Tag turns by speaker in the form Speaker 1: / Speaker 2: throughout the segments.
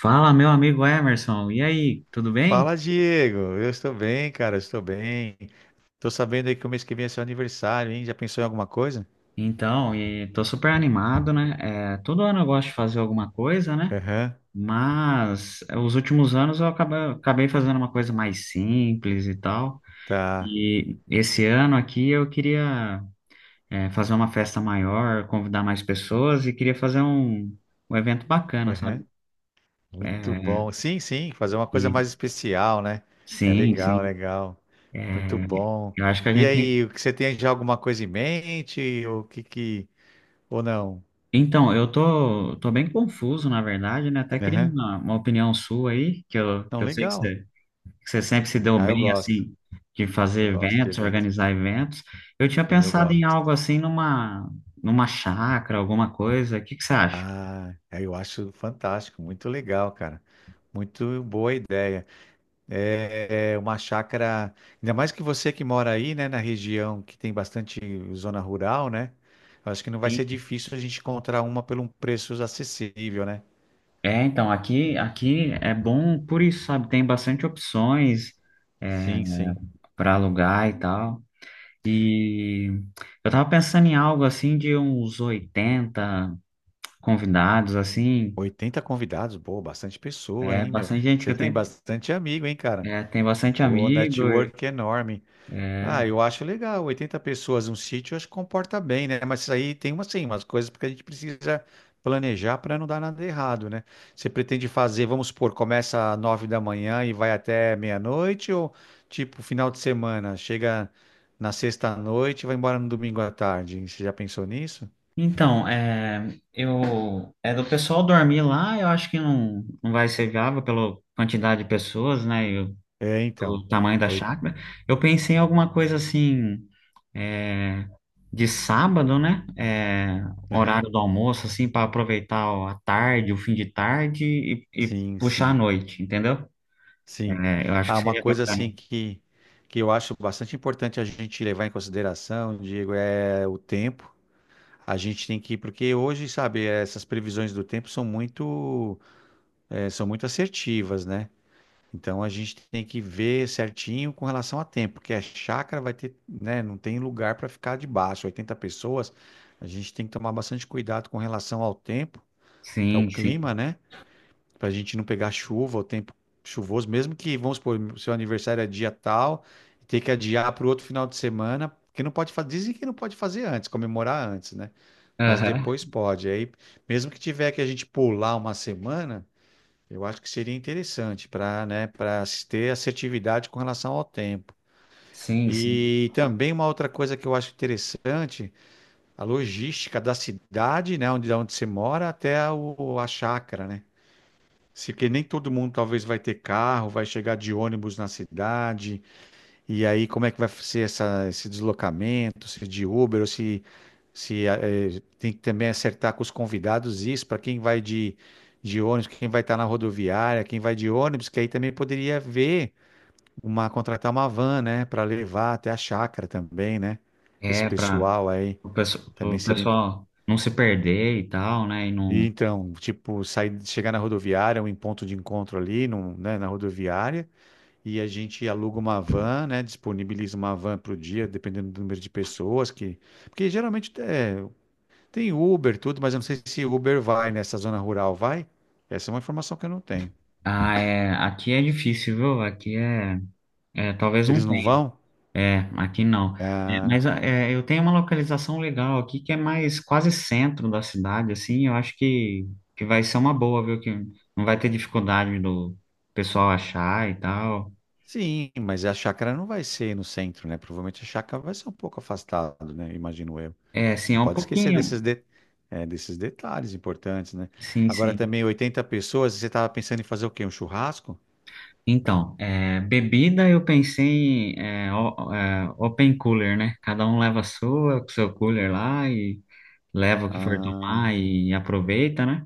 Speaker 1: Fala, meu amigo Emerson. E aí, tudo bem?
Speaker 2: Fala, Diego. Eu estou bem, cara. Eu estou bem. Tô sabendo aí que o mês que vem é seu aniversário, hein? Já pensou em alguma coisa?
Speaker 1: Então, e tô super animado, né? É, todo ano eu gosto de fazer alguma coisa, né?
Speaker 2: Aham,
Speaker 1: Mas é, os últimos anos eu acabei fazendo uma coisa mais simples e tal.
Speaker 2: tá.
Speaker 1: E esse ano aqui eu queria, fazer uma festa maior, convidar mais pessoas e queria fazer um evento bacana,
Speaker 2: Aham.
Speaker 1: sabe?
Speaker 2: Muito
Speaker 1: É,
Speaker 2: bom. Sim, sim, fazer uma coisa
Speaker 1: e,
Speaker 2: mais especial, né? É
Speaker 1: sim,
Speaker 2: legal,
Speaker 1: sim.
Speaker 2: legal.
Speaker 1: É,
Speaker 2: Muito bom.
Speaker 1: eu acho que a
Speaker 2: E
Speaker 1: gente tem.
Speaker 2: aí, o que você tem já alguma coisa em mente? Ou que que. Ou não?
Speaker 1: Então, eu tô bem confuso, na verdade, né? Até queria
Speaker 2: Aham.
Speaker 1: uma opinião sua aí, que eu,
Speaker 2: Não,
Speaker 1: que eu sei que
Speaker 2: legal.
Speaker 1: você, que você sempre se deu
Speaker 2: Ah, eu
Speaker 1: bem,
Speaker 2: gosto.
Speaker 1: assim, de
Speaker 2: Eu
Speaker 1: fazer
Speaker 2: gosto de
Speaker 1: eventos,
Speaker 2: evento.
Speaker 1: organizar eventos. Eu tinha
Speaker 2: Sim, eu
Speaker 1: pensado em
Speaker 2: gosto.
Speaker 1: algo assim, numa chácara, alguma coisa. O que que você acha?
Speaker 2: Ah, é, eu acho fantástico. Muito legal, cara. Muito boa ideia. É uma chácara, ainda mais que você que mora aí, né, na região que tem bastante zona rural, né? Eu acho que não vai ser
Speaker 1: Sim.
Speaker 2: difícil a gente encontrar uma por um preço acessível, né?
Speaker 1: É, então, aqui é bom por isso, sabe? Tem bastante opções, é,
Speaker 2: Sim, sim.
Speaker 1: para alugar e tal. E eu tava pensando em algo assim de uns 80 convidados, assim.
Speaker 2: 80 convidados, pô, bastante pessoa,
Speaker 1: É,
Speaker 2: hein, meu?
Speaker 1: bastante gente que
Speaker 2: Você
Speaker 1: eu
Speaker 2: tem
Speaker 1: tenho.
Speaker 2: bastante amigo, hein, cara?
Speaker 1: É, tem bastante
Speaker 2: Pô,
Speaker 1: amigo.
Speaker 2: network enorme.
Speaker 1: É.
Speaker 2: Ah, eu acho legal. 80 pessoas num sítio, eu acho que comporta bem, né? Mas isso aí tem uma, sim, umas coisas porque a gente precisa planejar para não dar nada errado, né? Você pretende fazer, vamos supor, começa às 9 da manhã e vai até meia-noite ou tipo final de semana, chega na sexta-noite e vai embora no domingo à tarde? Você já pensou nisso?
Speaker 1: Então, é do pessoal dormir lá, eu acho que não, não vai ser viável pela quantidade de pessoas, né, e o,
Speaker 2: É, então.
Speaker 1: o tamanho da
Speaker 2: Oi.
Speaker 1: chácara. Eu pensei em alguma coisa assim, é, de sábado, né,
Speaker 2: Aham.
Speaker 1: horário do almoço, assim, para aproveitar a tarde, o fim de tarde e
Speaker 2: Sim,
Speaker 1: puxar a
Speaker 2: sim,
Speaker 1: noite, entendeu?
Speaker 2: sim.
Speaker 1: É, eu acho
Speaker 2: Ah,
Speaker 1: que
Speaker 2: uma
Speaker 1: seria
Speaker 2: coisa
Speaker 1: bacana.
Speaker 2: assim que eu acho bastante importante a gente levar em consideração, Diego, é o tempo. A gente tem que, porque hoje, sabe, essas previsões do tempo são muito assertivas, né? Então a gente tem que ver certinho com relação a tempo, porque a chácara vai ter, né, não tem lugar para ficar debaixo, 80 pessoas. A gente tem que tomar bastante cuidado com relação ao tempo, que é o
Speaker 1: Sim, sim.
Speaker 2: clima, né? Para a gente não pegar chuva, o tempo chuvoso, mesmo que, vamos supor, seu aniversário é dia tal, ter que adiar para o outro final de semana, porque não pode fazer, dizem que não pode fazer antes, comemorar antes, né? Mas
Speaker 1: Aham.
Speaker 2: depois pode. Aí, mesmo que tiver que a gente pular uma semana, eu acho que seria interessante para, né, para ter assertividade com relação ao tempo.
Speaker 1: Sim, sim.
Speaker 2: E também uma outra coisa que eu acho interessante, a logística da cidade, né, onde você mora, até a chácara, né? Se, porque nem todo mundo talvez vai ter carro, vai chegar de ônibus na cidade, e aí, como é que vai ser esse deslocamento, se é de Uber, ou se eh, tem que também acertar com os convidados isso, para quem vai de ônibus, quem vai estar na rodoviária, quem vai de ônibus, que aí também poderia ver contratar uma van, né, para levar até a chácara também, né? Esse
Speaker 1: É, para
Speaker 2: pessoal aí também
Speaker 1: pro
Speaker 2: seria.
Speaker 1: pessoal não se perder e tal, né? E
Speaker 2: E
Speaker 1: não...
Speaker 2: então, tipo, sair, chegar na rodoviária, um ponto de encontro ali, na rodoviária e a gente aluga uma van, né? Disponibiliza uma van para o dia, dependendo do número de pessoas que. Porque geralmente é, tem Uber, tudo, mas eu não sei se Uber vai nessa zona rural, vai? Essa é uma informação que eu não tenho.
Speaker 1: Ah, é, aqui é difícil, viu? Aqui é talvez não
Speaker 2: Eles não
Speaker 1: tenha.
Speaker 2: vão?
Speaker 1: É, aqui não. É,
Speaker 2: Ah,
Speaker 1: mas eu tenho uma localização legal aqui que é mais quase centro da cidade, assim. Eu acho que vai ser uma boa, viu? Que não vai ter dificuldade do pessoal achar e tal.
Speaker 2: sim, mas a chácara não vai ser no centro, né? Provavelmente a chácara vai ser um pouco afastado, né? Imagino eu.
Speaker 1: É, sim,
Speaker 2: Não
Speaker 1: é um
Speaker 2: pode esquecer
Speaker 1: pouquinho.
Speaker 2: desses detalhes importantes, né?
Speaker 1: Sim,
Speaker 2: Agora
Speaker 1: sim.
Speaker 2: também 80 pessoas, você estava pensando em fazer o quê? Um churrasco?
Speaker 1: Então, é, bebida eu pensei em open cooler, né? Cada um leva a sua, com seu cooler lá e leva o que for
Speaker 2: Ah,
Speaker 1: tomar e aproveita, né?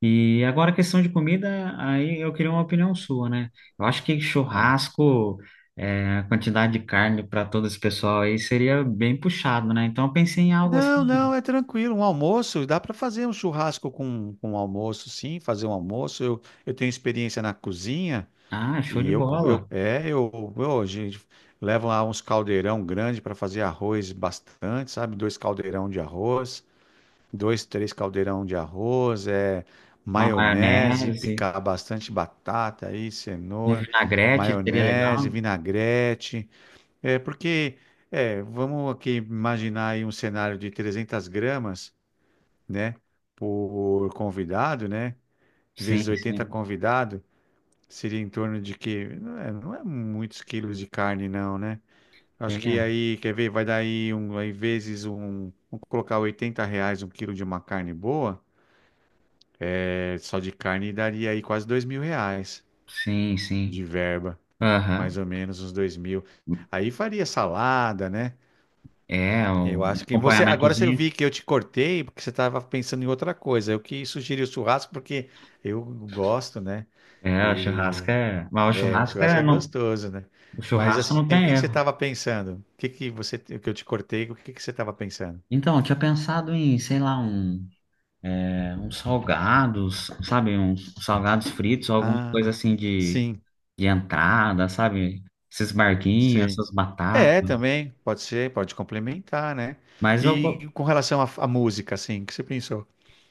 Speaker 1: E agora a questão de comida, aí eu queria uma opinião sua, né? Eu acho que
Speaker 2: ah.
Speaker 1: churrasco, a quantidade de carne para todo esse pessoal aí seria bem puxado, né? Então eu pensei em algo
Speaker 2: Não,
Speaker 1: assim,
Speaker 2: não, é tranquilo. Um almoço, dá para fazer um churrasco com um almoço, sim, fazer um almoço. Eu tenho experiência na cozinha
Speaker 1: ah, show de
Speaker 2: e eu, co- eu
Speaker 1: bola,
Speaker 2: é, eu a gente leva lá uns caldeirão grande para fazer arroz bastante, sabe? Dois caldeirão de arroz, dois, três caldeirão de arroz, é
Speaker 1: uma
Speaker 2: maionese,
Speaker 1: maionese,
Speaker 2: picar bastante batata aí,
Speaker 1: um
Speaker 2: cenoura,
Speaker 1: vinagrete seria
Speaker 2: maionese,
Speaker 1: legal.
Speaker 2: vinagrete. É porque, é, vamos aqui imaginar aí um cenário de 300 gramas, né, por convidado, né, vezes
Speaker 1: Sim,
Speaker 2: 80
Speaker 1: sim.
Speaker 2: convidado, seria em torno de que, não é, não é muitos quilos de carne não, né? Acho que
Speaker 1: É,
Speaker 2: aí, quer ver, vai dar aí, um, aí vezes um, vamos colocar R$ 80 um quilo de uma carne boa, é, só de carne daria aí quase R$ 2.000
Speaker 1: sim, sim.
Speaker 2: de verba,
Speaker 1: Aham.
Speaker 2: mais ou menos uns 2.000. Aí faria salada, né?
Speaker 1: É,
Speaker 2: Eu
Speaker 1: um
Speaker 2: acho que você. Agora você
Speaker 1: acompanhamentozinho.
Speaker 2: vi que eu te cortei porque você estava pensando em outra coisa. Eu que sugeri o churrasco porque eu gosto, né?
Speaker 1: É, o churrasco
Speaker 2: E
Speaker 1: é. Mas o
Speaker 2: é, o
Speaker 1: churrasco
Speaker 2: churrasco
Speaker 1: é.
Speaker 2: é
Speaker 1: Não,
Speaker 2: gostoso, né?
Speaker 1: o
Speaker 2: Mas
Speaker 1: churrasco
Speaker 2: assim,
Speaker 1: não
Speaker 2: o
Speaker 1: tem
Speaker 2: que que você
Speaker 1: erro.
Speaker 2: estava pensando? O que que você, o que eu te cortei? O que que você estava pensando?
Speaker 1: Então, eu tinha pensado em, sei lá, uns salgados, sabe? Uns salgados fritos, alguma coisa
Speaker 2: Ah,
Speaker 1: assim de,
Speaker 2: sim,
Speaker 1: de entrada, sabe? Esses barquinhos,
Speaker 2: sim.
Speaker 1: essas
Speaker 2: É,
Speaker 1: batatas.
Speaker 2: também pode ser, pode complementar, né?
Speaker 1: Mas eu. go-
Speaker 2: E com relação à música, assim, o que você pensou?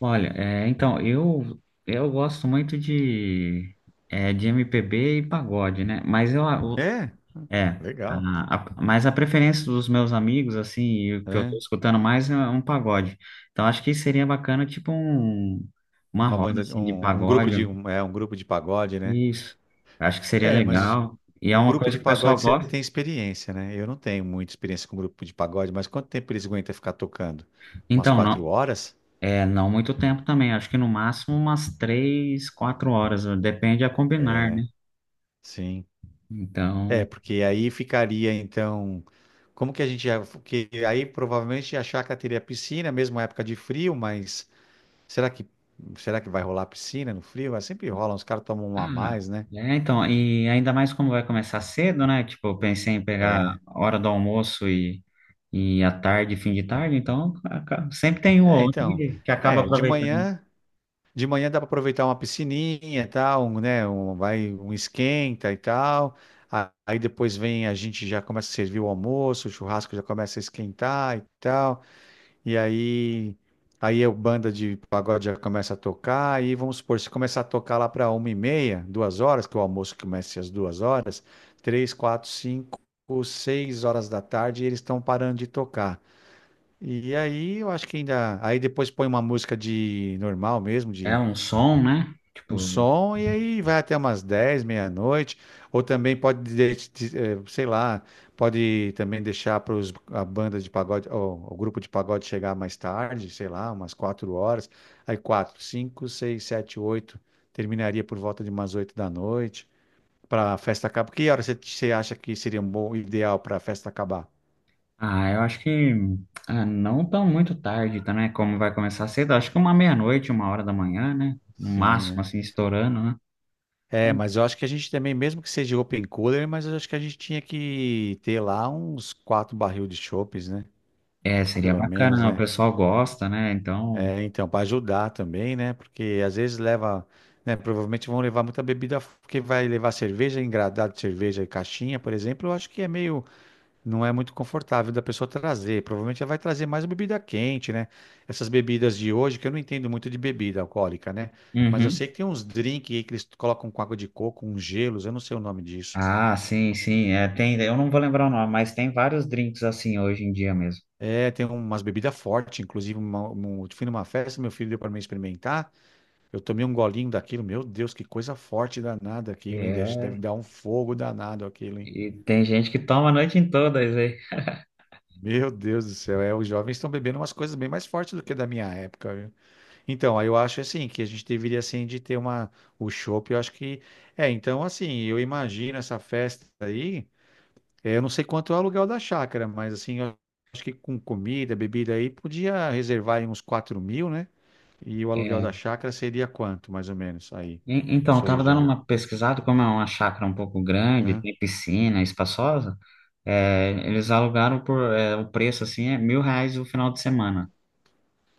Speaker 1: Olha, então, eu gosto muito de MPB e pagode, né? Mas eu,
Speaker 2: É,
Speaker 1: É,
Speaker 2: legal.
Speaker 1: a- mas a preferência dos meus amigos, assim, e o que eu tô
Speaker 2: É,
Speaker 1: escutando mais é um pagode. Então acho que seria bacana, tipo, uma
Speaker 2: uma
Speaker 1: roda,
Speaker 2: banda,
Speaker 1: assim, de
Speaker 2: grupo de,
Speaker 1: pagode.
Speaker 2: grupo de pagode, né?
Speaker 1: Isso, acho que seria
Speaker 2: É, mas
Speaker 1: legal. E é
Speaker 2: um
Speaker 1: uma
Speaker 2: grupo
Speaker 1: coisa
Speaker 2: de
Speaker 1: que o
Speaker 2: pagode
Speaker 1: pessoal
Speaker 2: você
Speaker 1: gosta.
Speaker 2: tem experiência, né? Eu não tenho muita experiência com um grupo de pagode, mas quanto tempo eles aguentam ficar tocando? Umas
Speaker 1: Então,
Speaker 2: quatro
Speaker 1: não,
Speaker 2: horas?
Speaker 1: não muito tempo também. Acho que no máximo umas três, quatro horas. Depende a combinar, né?
Speaker 2: Sim. É,
Speaker 1: Então.
Speaker 2: porque aí ficaria, então. Como que a gente ia. Porque aí provavelmente a chácara teria piscina, mesmo época de frio, mas será que, será que vai rolar piscina no frio? Ah, Sempre rola, os caras tomam uma a
Speaker 1: Ah,
Speaker 2: mais, né?
Speaker 1: então, e ainda mais como vai começar cedo, né? Tipo, eu pensei em pegar
Speaker 2: É,
Speaker 1: a hora do almoço e à tarde, fim de tarde, então sempre tem um ou
Speaker 2: é,
Speaker 1: outro
Speaker 2: então.
Speaker 1: que acaba
Speaker 2: É, de
Speaker 1: aproveitando.
Speaker 2: manhã. De manhã dá para aproveitar uma piscininha e tal, um, né? Um, vai um esquenta e tal. Aí depois vem a gente já começa a servir o almoço, o churrasco já começa a esquentar e tal. E aí a banda de pagode já começa a tocar. E vamos supor, se começar a tocar lá para 1h30, 2 horas, que o almoço começa às 2 horas, três, quatro, cinco, seis horas da tarde, eles estão parando de tocar. E aí eu acho que ainda. Aí depois põe uma música de normal mesmo,
Speaker 1: É
Speaker 2: de
Speaker 1: um som, né?
Speaker 2: um
Speaker 1: Tipo,
Speaker 2: som e aí vai até umas 10 meia-noite, ou também pode, sei lá, pode também deixar para a banda de pagode, ou, o grupo de pagode chegar mais tarde, sei lá, umas 4 horas, aí 4 5 6 7 8 terminaria por volta de umas 8 da noite, para a festa acabar. Que hora você acha que seria um bom ideal para a festa acabar?
Speaker 1: ah, eu acho que não tão muito tarde, tá, né? Como vai começar cedo, acho que uma meia-noite, uma hora da manhã, né? No
Speaker 2: Sim,
Speaker 1: máximo,
Speaker 2: né?
Speaker 1: assim, estourando, né?
Speaker 2: É, mas eu acho que a gente também, mesmo que seja open cooler, mas eu acho que a gente tinha que ter lá uns quatro barril de chopes, né?
Speaker 1: É, seria
Speaker 2: Pelo
Speaker 1: bacana,
Speaker 2: menos,
Speaker 1: né? O
Speaker 2: né?
Speaker 1: pessoal gosta, né? Então.
Speaker 2: É, então, para ajudar também, né? Porque às vezes leva, né? Provavelmente vão levar muita bebida, porque vai levar cerveja, engradado de cerveja e caixinha, por exemplo, eu acho que é meio, não é muito confortável da pessoa trazer. Provavelmente ela vai trazer mais bebida quente, né? Essas bebidas de hoje, que eu não entendo muito de bebida alcoólica, né? Mas eu
Speaker 1: Uhum.
Speaker 2: sei que tem uns drinks aí que eles colocam com água de coco, uns gelos, eu não sei o nome disso.
Speaker 1: Ah, sim, sim, é, tem, eu não vou lembrar o nome, mas tem vários drinks assim hoje em dia mesmo.
Speaker 2: É, tem umas bebidas fortes, inclusive, fui numa festa, meu filho deu para mim experimentar. Eu tomei um golinho daquilo, meu Deus, que coisa forte danada aquilo, hein? Deve
Speaker 1: É,
Speaker 2: dar um fogo danado aquilo, hein?
Speaker 1: e tem gente que toma a noite em todas, aí.
Speaker 2: Meu Deus do céu, é, os jovens estão bebendo umas coisas bem mais fortes do que da minha época, viu? Então, aí eu acho assim, que a gente deveria assim de ter uma, o chopp, eu acho que, é, então assim, eu imagino essa festa aí, é, eu não sei quanto é o aluguel da chácara, mas assim, eu acho que com comida, bebida aí, podia reservar aí uns 4.000, né? E o aluguel da
Speaker 1: É,
Speaker 2: chácara seria quanto, mais ou menos, aí, na
Speaker 1: então, eu
Speaker 2: sua
Speaker 1: tava dando
Speaker 2: região?
Speaker 1: uma pesquisada, como é uma chácara um pouco grande, tem piscina, espaçosa, eles alugaram por, o preço assim, é 1.000 reais o final de semana.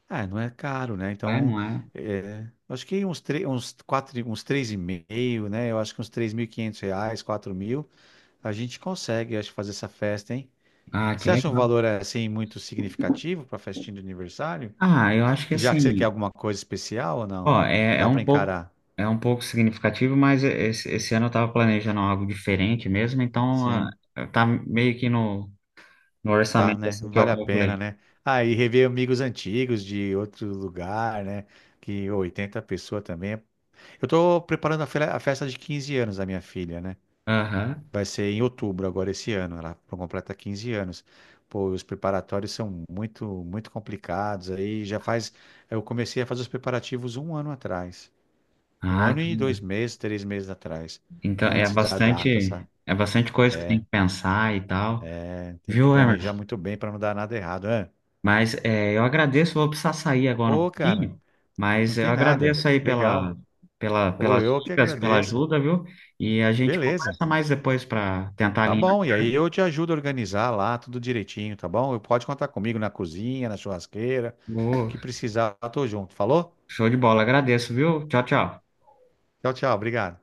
Speaker 2: Ah, não é caro, né?
Speaker 1: É,
Speaker 2: Então,
Speaker 1: não é?
Speaker 2: é, acho que uns, uns, quatro, uns três e meio, né? Eu acho que uns R$ 3.500, 4.000, a gente consegue, acho, fazer essa festa, hein?
Speaker 1: Ah, que
Speaker 2: Você acha um
Speaker 1: legal.
Speaker 2: valor, assim, muito significativo para festinha de aniversário?
Speaker 1: Ah, eu acho que
Speaker 2: Que já que você quer
Speaker 1: assim,
Speaker 2: alguma coisa especial ou não?
Speaker 1: ó, é
Speaker 2: Dá para
Speaker 1: um pouco,
Speaker 2: encarar.
Speaker 1: é um pouco significativo, mas esse ano eu estava planejando algo diferente mesmo, então
Speaker 2: Sim,
Speaker 1: tá meio que no
Speaker 2: tá,
Speaker 1: orçamento
Speaker 2: né?
Speaker 1: assim que eu
Speaker 2: Vale a pena,
Speaker 1: calculei.
Speaker 2: né? Ah, e rever amigos antigos de outro lugar, né? Que ô, 80 pessoas também. Eu tô preparando a festa de 15 anos da minha filha, né?
Speaker 1: Aham.
Speaker 2: Vai ser em outubro agora esse ano. Ela completa 15 anos. Pô, os preparatórios são muito, muito complicados. Aí já faz. Eu comecei a fazer os preparativos um ano atrás. Um
Speaker 1: Ah,
Speaker 2: ano e 2 meses, 3 meses atrás.
Speaker 1: então é
Speaker 2: Antes da data,
Speaker 1: bastante,
Speaker 2: sabe?
Speaker 1: é bastante coisa que tem que pensar e tal,
Speaker 2: É, tem que
Speaker 1: viu, Emerson?
Speaker 2: planejar muito bem para não dar nada errado. É.
Speaker 1: Mas eu agradeço, vou precisar sair agora um
Speaker 2: Ô, cara,
Speaker 1: pouquinho,
Speaker 2: não
Speaker 1: mas eu
Speaker 2: tem nada.
Speaker 1: agradeço aí pela,
Speaker 2: Legal.
Speaker 1: pela,
Speaker 2: Ô,
Speaker 1: pelas
Speaker 2: eu que
Speaker 1: dicas, pela
Speaker 2: agradeço.
Speaker 1: ajuda, viu? E a gente
Speaker 2: Beleza.
Speaker 1: conversa mais depois para tentar
Speaker 2: Tá
Speaker 1: alinhar.
Speaker 2: bom. E aí eu te ajudo a organizar lá tudo direitinho, tá bom? Pode contar comigo na cozinha, na churrasqueira. O
Speaker 1: Ô,
Speaker 2: que precisar, eu tô junto. Falou?
Speaker 1: show de bola, agradeço, viu? Tchau, tchau.
Speaker 2: Tchau, tchau. Obrigado.